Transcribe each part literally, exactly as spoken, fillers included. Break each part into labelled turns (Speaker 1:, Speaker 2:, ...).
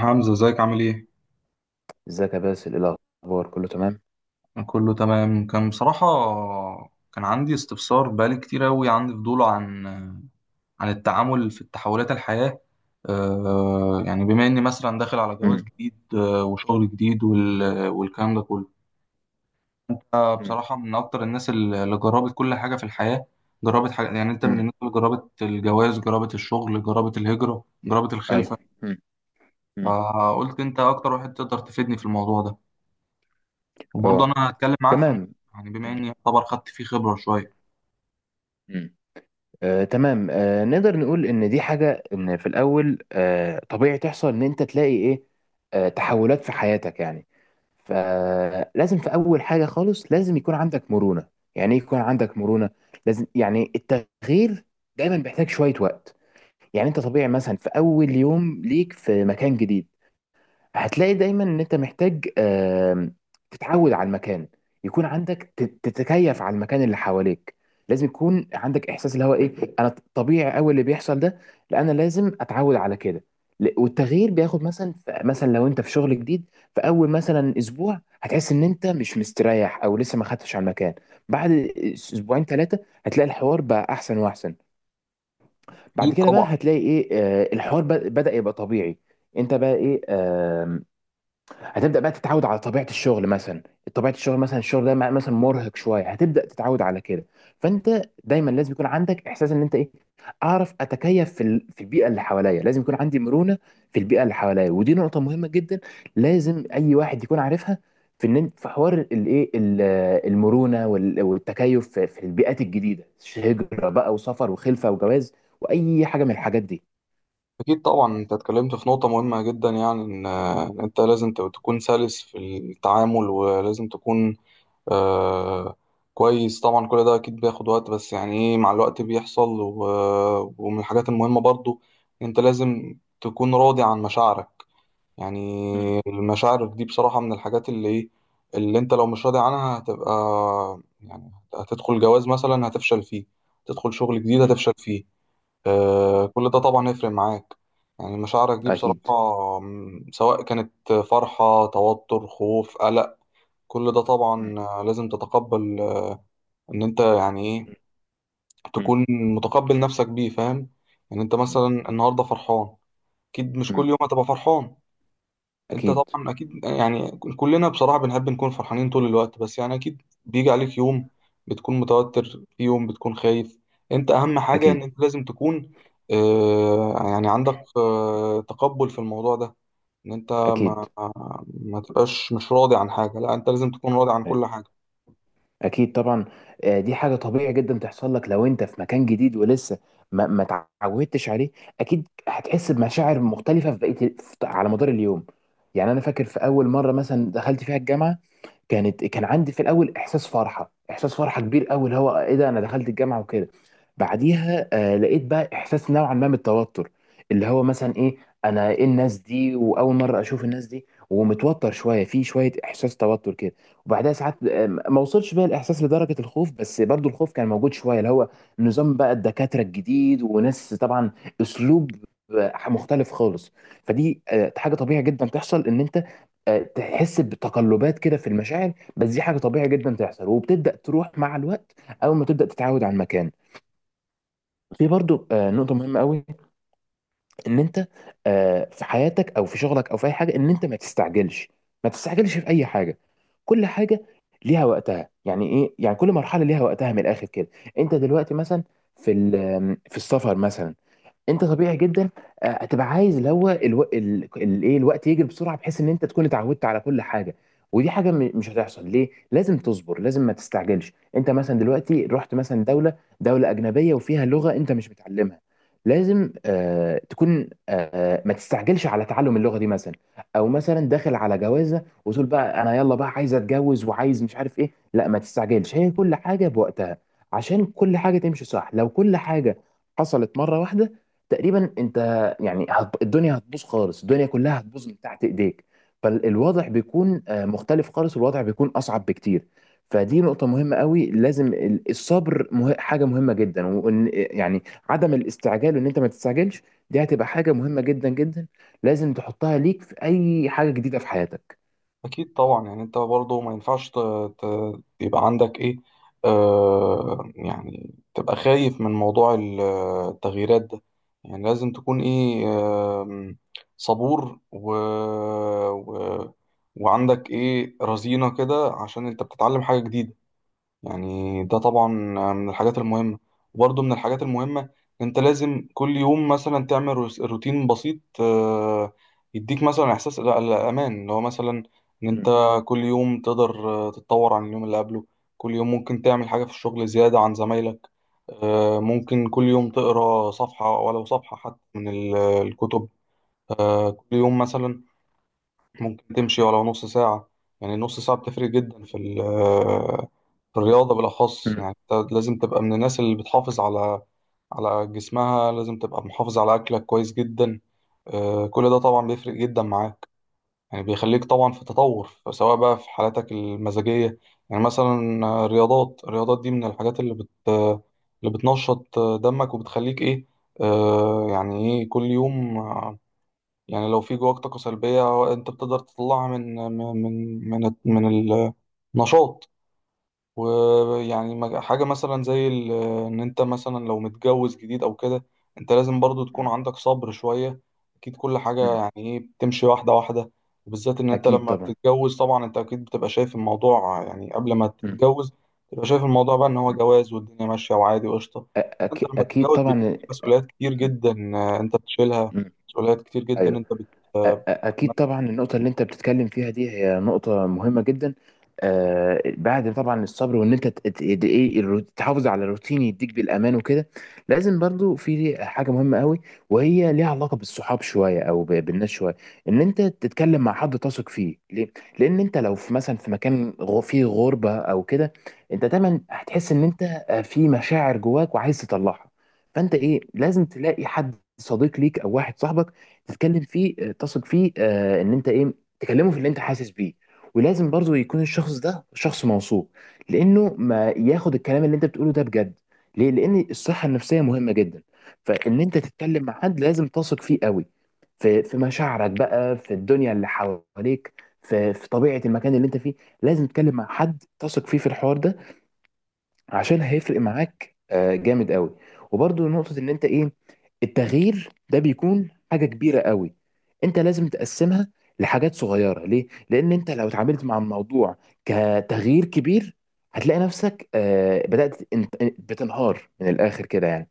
Speaker 1: حمزة، ازيك؟ عامل ايه؟
Speaker 2: ازيك يا باسل، ايه الاخبار؟ كله تمام.
Speaker 1: كله تمام. كان بصراحة كان عندي استفسار بقالي كتير أوي. عندي فضول عن عن التعامل في تحولات الحياة. آه، يعني بما إني مثلا داخل على جواز
Speaker 2: مم.
Speaker 1: جديد، آه، وشغل جديد وال- والكلام ده كله. آه،
Speaker 2: مم.
Speaker 1: بصراحة، من أكتر الناس اللي جربت كل حاجة في الحياة، جربت حاجة. يعني أنت من
Speaker 2: مم.
Speaker 1: الناس اللي جربت الجواز، جربت الشغل، جربت الهجرة، جربت
Speaker 2: ايوه.
Speaker 1: الخلفة.
Speaker 2: مم. مم.
Speaker 1: فقلت أنت أكتر واحد تقدر تفيدني في الموضوع ده. وبرضه
Speaker 2: اه،
Speaker 1: انا هتكلم معاك في الم...
Speaker 2: تمام.
Speaker 1: يعني بما
Speaker 2: مم.
Speaker 1: اني يعتبر خدت فيه خبره شويه.
Speaker 2: مم. آه، تمام. آه، نقدر نقول ان دي حاجه، ان في الاول آه، طبيعي تحصل ان انت تلاقي ايه آه، تحولات في حياتك يعني. فلازم في اول حاجه خالص لازم يكون عندك مرونه. يعني ايه يكون عندك مرونه؟ لازم يعني التغيير دايما بيحتاج شويه وقت. يعني انت طبيعي مثلا في اول يوم ليك في مكان جديد هتلاقي دايما ان انت محتاج آم، تتعود على المكان، يكون عندك تت- تتكيف على المكان اللي حواليك. لازم يكون عندك احساس اللي هو ايه، انا طبيعي قوي اللي بيحصل ده، لا انا لازم اتعود على كده. ل- والتغيير بياخد مثلا، ف- مثلا لو انت في شغل جديد، في اول مثلا اسبوع هتحس ان انت مش مستريح او لسه ما خدتش على المكان. بعد اس- اسبوعين ثلاثه هتلاقي الحوار بقى احسن واحسن. بعد
Speaker 1: أكيد
Speaker 2: كده بقى
Speaker 1: طبعا.
Speaker 2: هتلاقي ايه، آه، الحوار ب- بدأ يبقى طبيعي. انت بقى ايه، آم، هتبدا بقى تتعود على طبيعه الشغل مثلا. طبيعه الشغل مثلا، الشغل ده مع- مثلا مرهق شويه، هتبدا تتعود على كده. فانت دايما لازم يكون عندك احساس ان انت ايه، اعرف اتكيف في ال- في البيئه اللي حواليا. لازم يكون عندي مرونه في البيئه اللي حواليا، ودي نقطه مهمه جدا لازم اي واحد يكون عارفها، في ان إنت- في حوار الايه ال- المرونه وال- والتكيف في في البيئات الجديده، هجره بقى وسفر وخلفه وجواز واي حاجه من الحاجات دي.
Speaker 1: أكيد طبعا، أنت اتكلمت في نقطة مهمة جدا. يعني إن، آه، إن أنت لازم ت- تكون سلس في التعامل، ولازم تكون آه كويس. طبعا كل ده أكيد بياخد وقت، بس يعني إيه، مع الوقت بيحصل. و- ومن الحاجات المهمة برضو، أنت لازم تكون راضي عن مشاعرك. يعني
Speaker 2: مم.
Speaker 1: المشاعر دي بصراحة من الحاجات اللي ايه، اللي انت لو مش راضي عنها هتبقى، يعني هتدخل جواز مثلا هتفشل فيه، تدخل شغل جديد
Speaker 2: مم.
Speaker 1: هتفشل فيه.
Speaker 2: مم.
Speaker 1: آه، كل ده طبعا هيفرق معاك. يعني مشاعرك دي
Speaker 2: اكيد.
Speaker 1: بصراحة، م، سواء كانت فرحة، توتر، خوف، قلق، كل ده
Speaker 2: مم.
Speaker 1: طبعا آه، لازم تتقبل. آه، ان انت يعني ايه،
Speaker 2: مم.
Speaker 1: تكون متقبل نفسك بيه، فاهم؟ يعني انت مثلا النهاردة فرحان، اكيد مش
Speaker 2: مم.
Speaker 1: كل يوم هتبقى فرحان. انت
Speaker 2: اكيد.
Speaker 1: طبعا اكيد، يعني كلنا بصراحة بنحب نكون فرحانين طول الوقت، بس يعني اكيد بيجي عليك يوم بتكون متوتر، في يوم بتكون خايف. انت اهم حاجة ان
Speaker 2: اكيد.
Speaker 1: انت لازم تكون، آه يعني عندك آه تقبل في الموضوع ده. ان انت
Speaker 2: اكيد.
Speaker 1: ما, ما تبقاش مش راضي عن حاجة، لا انت لازم تكون راضي عن كل حاجة.
Speaker 2: اكيد طبعا. آه، دي حاجه طبيعي جدا تحصل لك لو انت في مكان جديد ولسه ما ما اتعودتش عليه. اكيد هتحس بمشاعر مختلفه في بقيه في- على مدار اليوم. يعني انا فاكر في اول مره مثلا دخلت فيها الجامعه، كانت كان عندي في الاول احساس فرحه، احساس فرحه كبير قوي، اللي هو ايه، ده انا دخلت الجامعه وكده. بعديها آه لقيت بقى احساس نوعا ما بالتوتر، اللي هو مثلا ايه، انا ايه الناس دي، واول مره اشوف الناس دي ومتوتر شويه، في شويه احساس توتر كده. وبعدها ساعات آه، ما وصلش بقى الاحساس لدرجه الخوف، بس برضو الخوف كان موجود شويه، اللي هو نظام بقى الدكاتره الجديد وناس طبعا، اسلوب آه، مختلف خالص. فدي آه، حاجه طبيعي جدا تحصل ان انت آه، تحس بتقلبات كده في المشاعر، بس دي حاجه طبيعي جدا تحصل وبتبدا تروح مع الوقت، اول ما تبدا تتعود على المكان. في برضو آه، نقطه مهمه قوي ان انت آه، في حياتك او في شغلك او في اي حاجه ان انت ما تستعجلش. ما تستعجلش في اي حاجه، كل حاجه ليها وقتها. يعني ايه؟ يعني كل مرحله ليها وقتها من الاخر كده. انت دلوقتي مثلا في ال- في السفر مثلا، انت طبيعي جدا آه، هتبقى عايز اللي هو الو... ال... ال... ايه الوقت يجري بسرعه بحيث ان انت تكون اتعودت على كل حاجه. ودي حاجه م... مش هتحصل. ليه؟ لازم تصبر، لازم ما تستعجلش. انت مثلا دلوقتي رحت مثلا دوله، دوله اجنبيه وفيها لغه انت مش متعلمها، لازم آه تكون آه آه، ما تستعجلش على تعلم اللغه دي مثلا. او مثلا داخل على جوازه وتقول بقى انا يلا بقى عايز اتجوز وعايز مش عارف ايه، لا ما تستعجلش، هي كل حاجه بوقتها عشان كل حاجه تمشي صح. لو كل حاجه حصلت مره واحده، تقريبا انت يعني هت- الدنيا هتبوظ خالص، الدنيا كلها هتبوظ من تحت ايديك. فالوضع بيكون آه، مختلف خالص، والوضع بيكون اصعب بكتير. فدي نقطة مهمة قوي، لازم ال- الصبر، مه... حاجة مهمة جدا، وان يعني عدم الاستعجال وان انت ما تستعجلش، دي هتبقى حاجة مهمة جدا جدا لازم تحطها ليك في اي حاجة جديدة في حياتك.
Speaker 1: أكيد طبعا. يعني أنت برضه ما ينفعش ت- ت- يبقى عندك إيه، آه يعني تبقى خايف من موضوع ال- التغييرات ده. يعني لازم تكون إيه، آم، صبور و... و... وعندك إيه، رزينة كده، عشان أنت بتتعلم حاجة جديدة. يعني ده طبعا من الحاجات المهمة. وبرضه من الحاجات المهمة، انت لازم كل يوم مثلا تعمل روس- روتين بسيط، آه، يديك مثلا احساس ال- الامان، اللي هو مثلا ان انت
Speaker 2: مم.
Speaker 1: كل يوم تقدر آه، تتطور عن اليوم اللي قبله. كل يوم ممكن تعمل حاجة في الشغل زيادة عن زمايلك. آه، ممكن كل يوم تقرا صفحة، ولو صفحة حتى، من ال- الكتب. آه، كل يوم مثلا ممكن تمشي ولو نص ساعة. يعني نص ساعة بتفرق جدا في ال- في الرياضة بالأخص.
Speaker 2: مم.
Speaker 1: يعني أنت لازم تبقى من الناس اللي بتحافظ على على جسمها، لازم تبقى محافظ على أكلك كويس جدا. آه، كل ده طبعا بيفرق جدا معاك. يعني بيخليك طبعا في تطور، سواء بقى في حالاتك المزاجية. يعني مثلا آه، الرياضات الرياضات دي من الحاجات اللي بت آه، اللي بتنشط آه، دمك، وبتخليك إيه، آه، يعني إيه، كل يوم. يعني لو في جواك طاقة سلبية، انت بتقدر تطلعها من من من من, من النشاط. ويعني مج- حاجة مثلا زي ال- إن أنت مثلا لو متجوز جديد أو كده، أنت لازم برضو تكون
Speaker 2: مم.
Speaker 1: عندك صبر شوية. أكيد كل حاجة
Speaker 2: مم.
Speaker 1: يعني إيه بتمشي واحدة واحدة. وبالذات إن أنت
Speaker 2: اكيد
Speaker 1: لما
Speaker 2: طبعا.
Speaker 1: بتتجوز، طبعا أنت أكيد بتبقى شايف الموضوع، يعني قبل ما
Speaker 2: مم.
Speaker 1: تتجوز بتبقى شايف الموضوع بقى إن هو
Speaker 2: مم.
Speaker 1: جواز، والدنيا ماشية وعادي وقشطة.
Speaker 2: أ-
Speaker 1: أنت
Speaker 2: أك...
Speaker 1: لما
Speaker 2: اكيد
Speaker 1: تتجوز
Speaker 2: طبعا.
Speaker 1: بيبقى
Speaker 2: مم.
Speaker 1: في مسؤوليات كتير جدا، آه، أنت بتشيلها،
Speaker 2: مم.
Speaker 1: مسؤوليات كتير جدا
Speaker 2: أيوه.
Speaker 1: أنت بت-
Speaker 2: أ- أ-
Speaker 1: آه،
Speaker 2: أكيد
Speaker 1: بتتحملها.
Speaker 2: طبعا. النقطة اللي أنت بتتكلم فيها دي هي نقطة مهمة جدا، آه، بعد طبعا الصبر، وإن أنت ت- ت- ت- إيه الرو- تحافظ على الروتين يديك بالأمان وكده. لازم برضو في حاجة مهمة قوي، وهي ليها علاقة بالصحاب شوية أو ب- بالناس شوية، إن أنت تتكلم مع حد تثق فيه. ليه؟ لأن أنت لو في مثلا في مكان غ- فيه غربة أو كده، أنت دايما هتحس إن أنت آه، في مشاعر جواك وعايز تطلعها، فأنت إيه، لازم تلاقي حد صديق ليك أو واحد صاحبك تتكلم فيه، آه، تثق فيه، آه، ان انت ايه، تكلمه في اللي انت حاسس بيه. ولازم برضو يكون الشخص ده شخص موثوق، لانه ما ياخد الكلام اللي انت بتقوله ده بجد. ليه؟ لان الصحه النفسيه مهمه جدا. فان انت تتكلم مع حد لازم تثق فيه قوي، في في مشاعرك بقى، في الدنيا اللي حواليك، في في طبيعه المكان اللي انت فيه. لازم تتكلم مع حد تثق فيه في الحوار ده عشان هيفرق معاك آه، جامد قوي. وبرضو نقطة ان انت ايه، التغيير ده بيكون حاجة كبيرة قوي، انت لازم تقسمها لحاجات صغيرة. ليه؟ لان انت لو اتعاملت مع الموضوع كتغيير كبير هتلاقي نفسك آه، بدأت انت- بتنهار من الاخر كده يعني.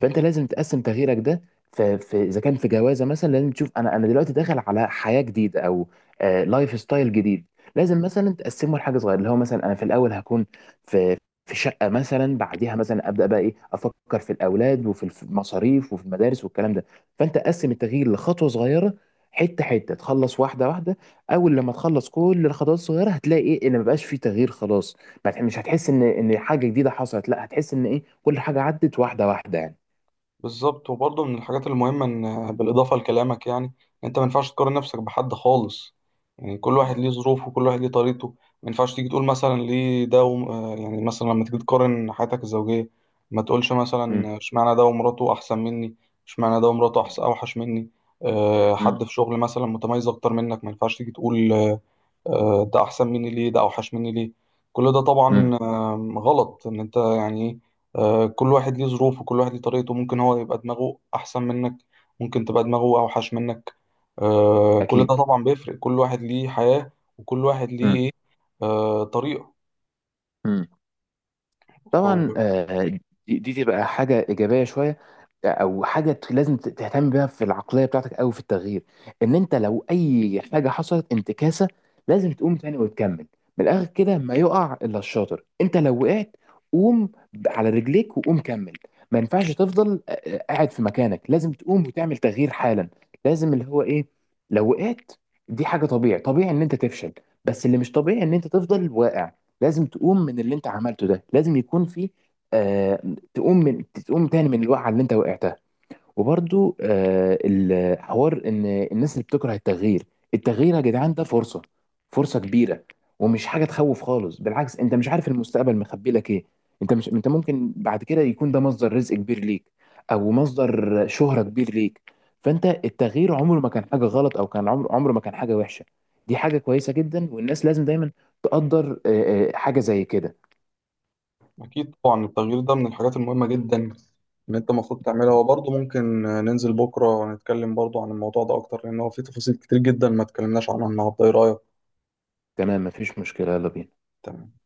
Speaker 2: فانت لازم تقسم تغييرك ده، في, في اذا كان في جوازه مثلا لازم تشوف، انا انا دلوقتي داخل على حياه جديده، او آه لايف ستايل جديد، لازم مثلا تقسمه لحاجه صغيره، اللي هو مثلا انا في الاول هكون في في شقه مثلا، بعديها مثلا ابدا بقى ايه، افكر في الاولاد وفي الف- المصاريف وفي المدارس والكلام ده. فانت قسم التغيير لخطوه صغيره، حته حته تخلص واحده واحده. اول لما تخلص كل الخطوات الصغيره هتلاقي ايه، ان مبقاش في تغيير خلاص. ما تح- مش هتحس ان ان حاجه جديده حصلت، لا هتحس ان ايه، كل حاجه عدت واحده واحده يعني.
Speaker 1: بالظبط. وبرضه من الحاجات المهمة إن بالإضافة لكلامك، يعني أنت ما ينفعش تقارن نفسك بحد خالص. يعني كل
Speaker 2: مم.
Speaker 1: واحد ليه ظروفه، وكل واحد ليه طريقته. ما ينفعش تيجي تقول مثلا ليه ده وم... آه، يعني مثلا لما تيجي تقارن حياتك الزوجية، ما تقولش
Speaker 2: مم.
Speaker 1: مثلا اشمعنى ده ومراته أحسن مني، اشمعنى ده ومراته أحسن أوحش مني. أه،
Speaker 2: مم.
Speaker 1: حد في شغل مثلا متميز أكتر منك، ما ينفعش تيجي تقول، آه، ده احسن مني ليه، ده اوحش مني ليه. كل ده
Speaker 2: مم.
Speaker 1: طبعا آم، غلط. ان انت يعني إيه، آه، كل واحد ليه ظروفه، كل واحد ليه طريقته. ممكن هو يبقى دماغه احسن منك، ممكن تبقى دماغه اوحش منك. آه، كل ده
Speaker 2: أكيد.
Speaker 1: طبعا بيفرق. كل واحد ليه حياة، وكل واحد ليه
Speaker 2: مم.
Speaker 1: إيه، آه، طريقة.
Speaker 2: مم.
Speaker 1: فهو
Speaker 2: طبعا، آه، دي دي تبقى حاجه ايجابيه شويه، او حاجه ت- لازم ت- تهتم بيها في العقليه بتاعتك او في التغيير، ان انت لو اي حاجه حصلت انتكاسه لازم تقوم تاني وتكمل. من الاخر كده ما يقع الا الشاطر، انت لو وقعت قوم ب- على رجليك وقوم كمل. ما ينفعش تفضل آه، آه، قاعد في مكانك، لازم تقوم وتعمل تغيير حالا. لازم اللي هو ايه، لو وقعت، دي حاجه طبيعي، طبيعي ان انت تفشل، بس اللي مش طبيعي ان انت تفضل واقع. لازم تقوم من اللي انت عملته ده، لازم يكون في آه تقوم من تقوم تاني من الوقعه اللي انت وقعتها. وبرضو آه، الحوار ان الناس اللي بتكره التغيير، التغيير يا جدعان ده فرصة، فرصة كبيرة، ومش حاجة تخوف خالص، بالعكس انت مش عارف المستقبل مخبي لك ايه. انت مش انت ممكن بعد كده يكون ده مصدر رزق كبير ليك، او مصدر شهرة كبير ليك. فانت التغيير عمره ما كان حاجة غلط، او كان عمره عمره ما كان حاجة وحشة، دي حاجة كويسة جدا والناس لازم دايما تقدر آه، آه، حاجة زي كده.
Speaker 1: اكيد طبعا، التغيير ده من الحاجات المهمة جدا ان انت المفروض تعملها. وبرضه ممكن آه، ننزل بكرة ونتكلم برضه عن الموضوع ده اكتر، لان هو فيه تفاصيل كتير جدا ما اتكلمناش عنها النهارده. ايه رأيك؟
Speaker 2: تمام، مفيش مشكلة، يلا بينا.
Speaker 1: تمام.